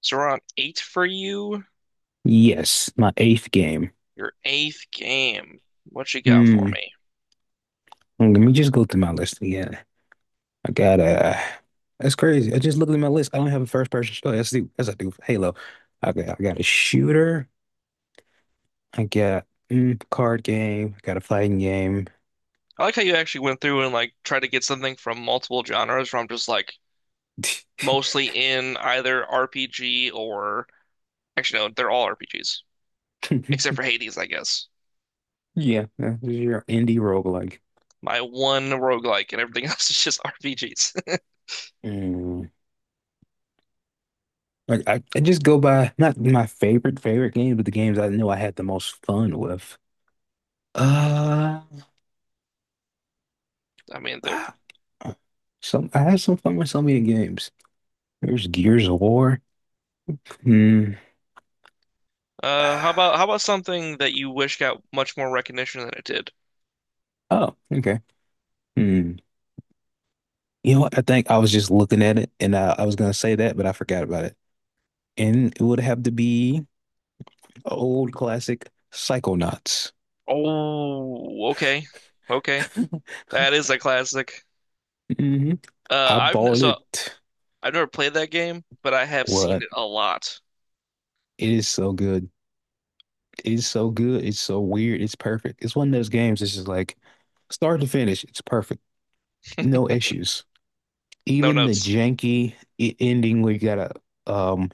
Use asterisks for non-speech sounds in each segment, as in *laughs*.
So we're on eight for you, Yes, my eighth game. your eighth game. What you got for Hmm. me? Let me just go through my list again. I got a That's crazy. I just looked at my list. I don't have a first person shooter. Oh, yes, I do. Yes, I do. Halo. I got a shooter. I got card game. I got a fighting game. I like how you actually went through and like tried to get something from multiple genres from just like mostly in either RPG or actually no, they're all RPGs except *laughs* for Hades, I guess. Yeah, that's your indie roguelike. My one roguelike and everything *laughs* else is just RPGs. Mm. Like I just go by not my favorite favorite games, but the games I know I had the most fun with. Uh, *laughs* I mean, they're *sighs* some I had some fun with so many games. There's Gears of War. Hmm. How about *sighs* something that you wish got much more recognition than it did? Oh, okay. Hmm. You know what? I think I was just looking at it and I was gonna say that, but I forgot about it. And it would have to be an Old classic Psychonauts. Oh, okay. Okay. *laughs* That is a classic. hmm I I've bought so it. I've never played that game, but I have seen What? it a lot. It is so good. It is so good. It's so weird. It's perfect. It's one of those games that's just like start to finish. It's perfect. No issues. No Even the notes. Ending where you gotta um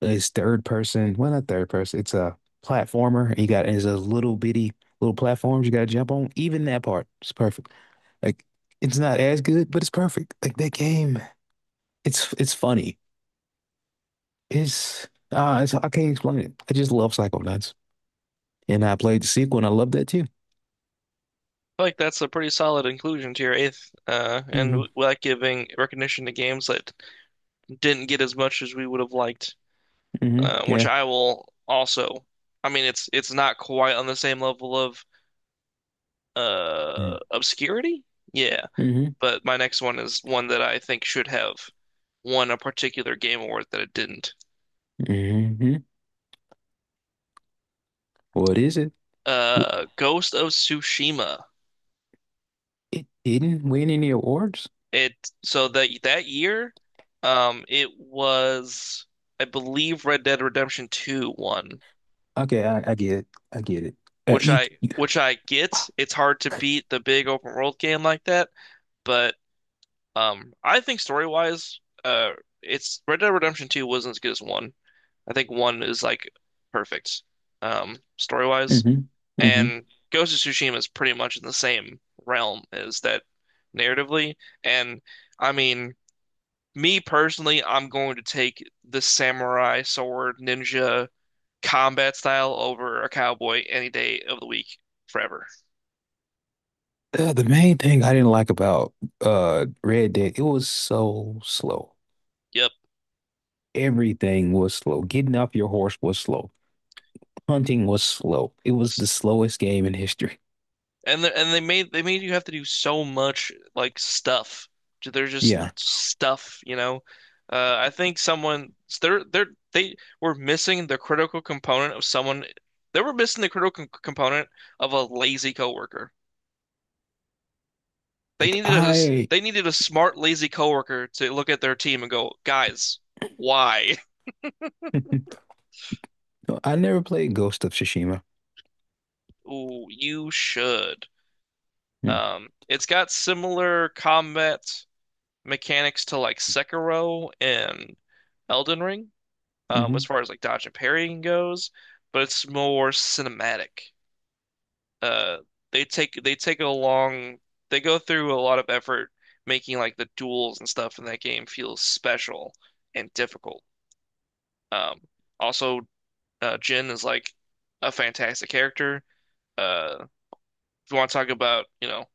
It's third person. Well, not third person. It's a platformer. And you got it's a little bitty little platforms you got to jump on. Even that part is perfect. Like it's not as good, but it's perfect. Like that game, it's funny. It's I can't explain it. I just love Psychonauts, and I played the sequel, and I love that too. I feel like that's a pretty solid inclusion to your eighth, and hmm we like giving recognition to games that didn't get as much as we would have liked, which Yeah. I will also. I mean, it's not quite on the same level of Mm-hmm. Obscurity, yeah, hmm but my next one is one that I think should have won a particular game award that it didn't. What is it? W- Ghost of Tsushima. It didn't win any awards. It so that that year, it was I believe Red Dead Redemption 2 won, Okay, I get it. I get it. Which You. I You get. It's hard to beat the big open world game like that, but I think story wise, it's Red Dead Redemption 2 wasn't as good as one. I think one is like perfect, story hmm wise, hmm and Ghost of Tsushima is pretty much in the same realm as that narratively, and I mean. Me personally, I'm going to take the samurai sword ninja combat style over a cowboy any day of the week forever. The main thing I didn't like about Red Dead, it was so slow. Yep. Everything was slow. Getting off your horse was slow. Hunting was slow. It was the slowest game in history. And they made you have to do so much like stuff. They're just Yeah. stuff, you know. I think someone they're they were missing the critical component of someone. They were missing the critical component of a lazy coworker. They Like needed a they needed a smart, lazy coworker to look at their team and go, guys, why? I never played Ghost of Tsushima. *laughs* Ooh, you should. It's got similar combat mechanics to like Sekiro and Elden Ring, Mm-hmm. as far as like dodge and parrying goes, but it's more cinematic. Uh, they take a long they go through a lot of effort making like the duels and stuff in that game feel special and difficult. Um, also Jin is like a fantastic character. Uh, if you want to talk about, you know,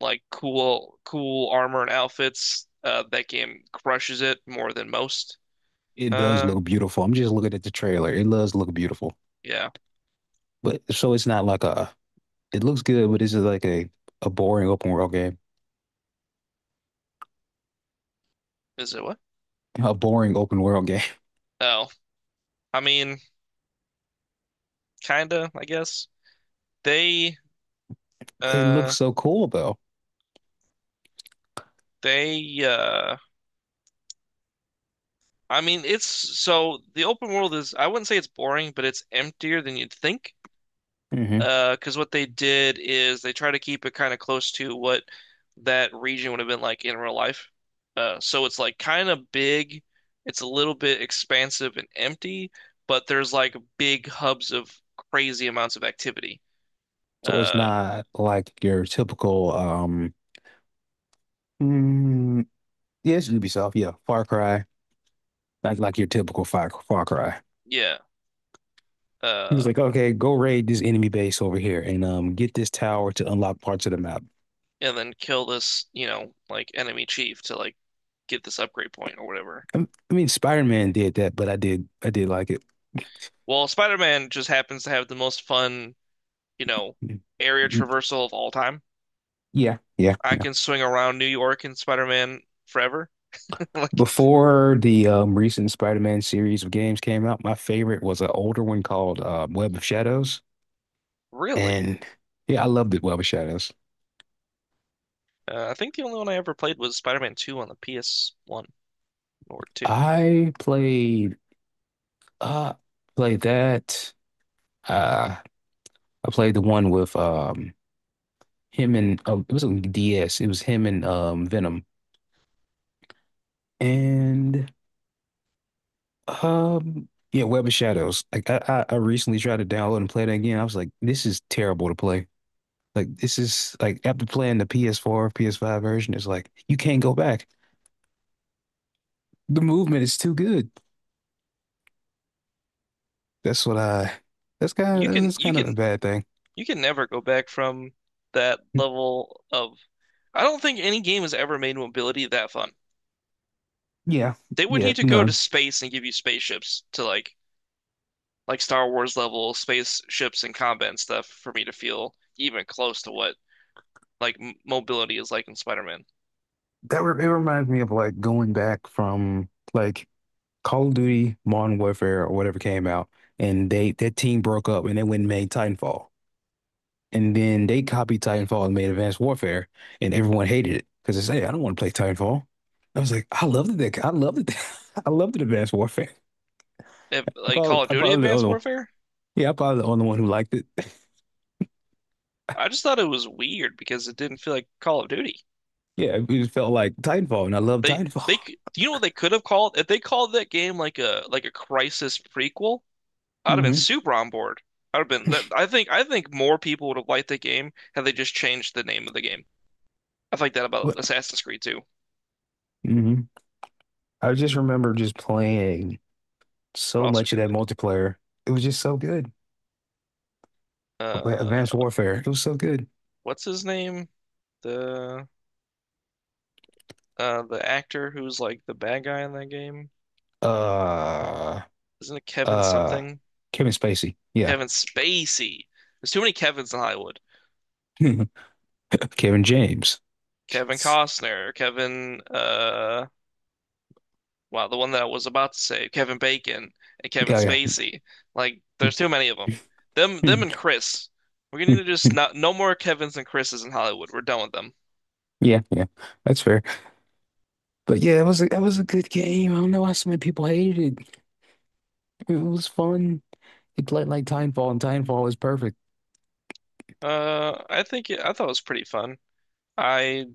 like cool, cool armor and outfits, that game crushes it more than most. It does Uh, look beautiful. I'm just looking at the trailer. It does look beautiful. yeah. But so it's not like a it looks good, but this is like a boring open world game. Is it what? A boring open world game. *laughs* Oh, I mean, kinda, I guess. They, But it uh, looks so cool though. they, uh, I mean, it's so the open world is, I wouldn't say it's boring, but it's emptier than you'd think. Because what they did is they try to keep it kind of close to what that region would have been like in real life. So it's like kind of big, it's a little bit expansive and empty, but there's like big hubs of crazy amounts of activity. So it's Uh, not like your typical mm, yeah, it's Ubisoft, yeah. Far Cry. Like your typical Far Cry. yeah. He's Uh, like, okay, go raid this enemy base over here and get this tower to unlock parts of the map. and then kill this, you know, like enemy chief to like get this upgrade point or whatever. I mean Spider-Man did that, but I did like it. Well, Spider-Man just happens to have the most fun, you know, area traversal of all time. Yeah, yeah, I yeah. can swing around New York and Spider-Man forever. *laughs* Like, Before the recent Spider-Man series of games came out, my favorite was an older one called Web of Shadows, really? and yeah, I loved it, Web of Shadows. I think the only one I ever played was Spider-Man 2 on the PS1 or 2. I played Uh, Played that. Uh, I played the one with him and oh, it was on DS. It was him and Venom and yeah, Web of Shadows. Like I recently tried to download and play that again. I was like, this is terrible to play. Like this is like after playing the PS4, PS5 version, it's like you can't go back. The movement is too good. That's what I. That's You kind of can you a can bad thing. you can never go back from that level of I don't think any game has ever made mobility that fun. Yeah, They would yeah, need to go to no. space and give you spaceships to like Star Wars level spaceships and combat and stuff for me to feel even close to what like m mobility is like in Spider-Man. That re It reminds me of like going back from like Call of Duty, Modern Warfare, or whatever came out, and they that team broke up and they went and made Titanfall, and then they copied Titanfall and made Advanced Warfare, and everyone hated it because they say, "Hey, I don't want to play Titanfall." I was like, I loved it. I loved it. *laughs* I loved it, Advanced Warfare. If, like Call of I Duty probably the Advanced only one. Warfare, Yeah, I probably the only one who liked it. *laughs* I just thought it was weird because it didn't feel like Call of Duty. Yeah, it just felt like Titanfall, and I loved They Titanfall. You know what they could have called if they called that game like a Crisis prequel, *laughs* I'd have been hmm super on board. I'd have been that I think more people would have liked the game had they just changed the name of the game. I like that about What? Assassin's Creed too, hmm I just remember just playing but so also much of kind of that think multiplayer. It was just so good. Uh Advanced Warfare. It was so good. what's his name? The the actor who's like the bad guy in that game. Uh, Isn't it Kevin uh, something? Kevin Spacey. Yeah. Kevin Spacey. There's too many Kevins in Hollywood. *laughs* Kevin James. Kevin Costner, Kevin, wow, the one that I was about to say, Kevin Bacon and Kevin Yeah, Spacey. Like, there's too many of them. yeah. Them and *laughs* Chris. We're gonna need to just not no more Kevins and Chris's in Hollywood. We're done with them. Yeah, yeah. That's fair. But yeah, that was a good game. I don't know why so many people hated it. It was fun. It played like Timefall, and Timefall was perfect. I think it, I thought it was pretty fun. I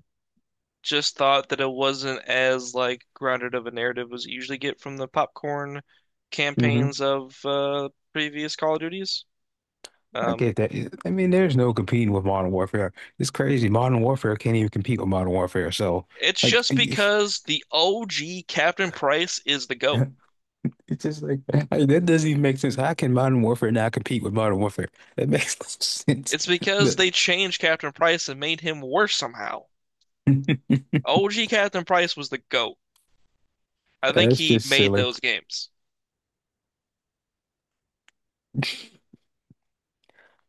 just thought that it wasn't as like grounded of a narrative as you usually get from the popcorn hmm campaigns of previous Call of Duties. I Um, get that. I mean, there's no competing with Modern Warfare. It's crazy. Modern Warfare can't even compete with Modern Warfare. So, it's like, *laughs* just it's because the OG Captain Price is the GOAT. just like, *laughs* like, that doesn't even make sense. How can Modern Warfare not compete with Modern Warfare? That makes *laughs* no sense. It's because But they changed Captain Price and made him worse somehow. *laughs* OG Captain Price was the GOAT. I think that's he just made silly. those games.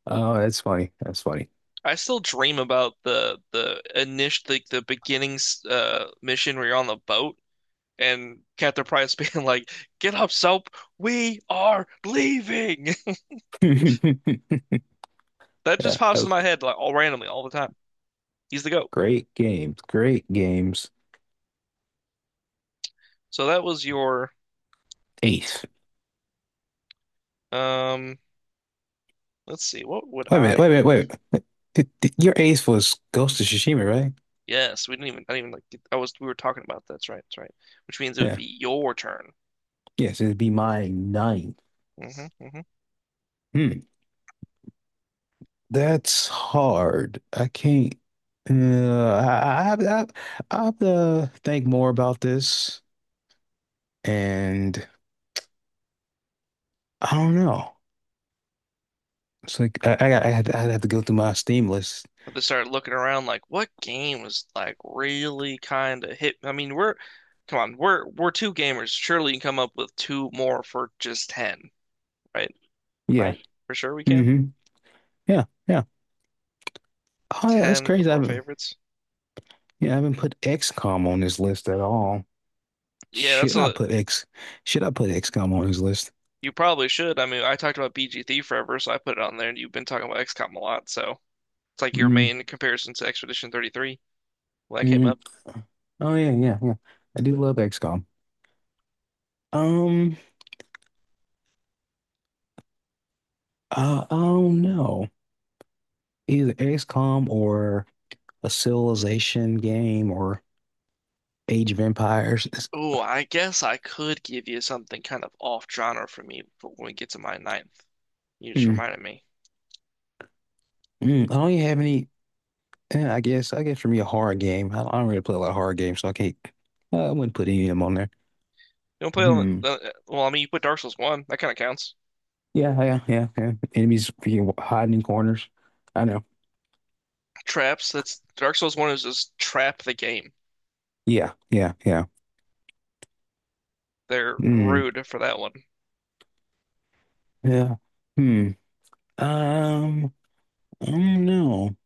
Oh, that's funny. That's funny. I still dream about the initial the beginnings mission where you're on the boat and Captain Price *laughs* being like, "Get up, Soap, we are leaving." *laughs* *laughs* That just Yeah, that pops in was my head like all randomly all the time. He's the GOAT. great games. Great games. So that was your eight. Eighth. Um, let's see, what would Wait a I minute. Wait a minute. Wait. A minute. Your eighth was Ghost of Tsushima, right? Yes, we didn't even. I didn't even like. Get, I was. We were talking about That's right. Which means it would Yeah. be your turn. Yes, it'd be my ninth. Hmm. Hmm. Hmm. That's hard. I can't. Uh, I, I have I, I have to think more about this, and I don't know. It's like I'd have to go through my Steam list. But they started looking around like, what game was like really kind of hit? I mean, come on, we're two gamers. Surely you can come up with two more for just ten, right? Yeah. Right? For sure we can. hmm Yeah. Yeah. Oh, that's Ten crazy. of I our haven't. favorites. Yeah, I haven't put XCOM on this list at all. Yeah, that's Should I a. put X? Should I put XCOM on this list? You probably should. I mean, I talked about BG BGT forever, so I put it on there, and you've been talking about XCOM a lot, so it's like your mm main comparison to Expedition 33. Well, that came mm. up. Oh yeah, yeah, yeah. I do love XCOM. Um, I don't know. Either XCOM or a Civilization game or Age of Empires. Oh, I guess I could give you something kind of off genre for me for when we get to my ninth. You just mm, reminded me. I don't even have any. I guess for me a horror game. I don't really play a lot of horror games, so I can't. I wouldn't put any of them on there. You don't play on Hmm. the, well, I mean, you put Dark Souls 1, that kind of counts. Yeah, yeah, yeah, yeah. Enemies freaking hiding in corners. I know. Traps, that's Dark Souls 1 is just trap the game. Yeah, yeah, yeah. They're Hmm. rude for that one. Yeah. Hmm. Um. I don't know.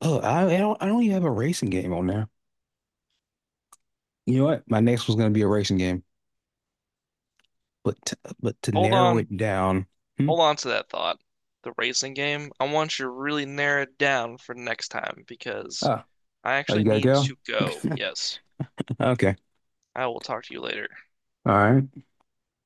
I don't even have a racing game on there. You know what? My next was gonna be a racing game. But to Hold narrow on, it down. Hmm? hold on to that thought. The racing game, I want you to really narrow it down for next time because Ah, I Oh, you actually gotta need go? to go. *laughs* Yes, Okay. I will talk to you later. All right.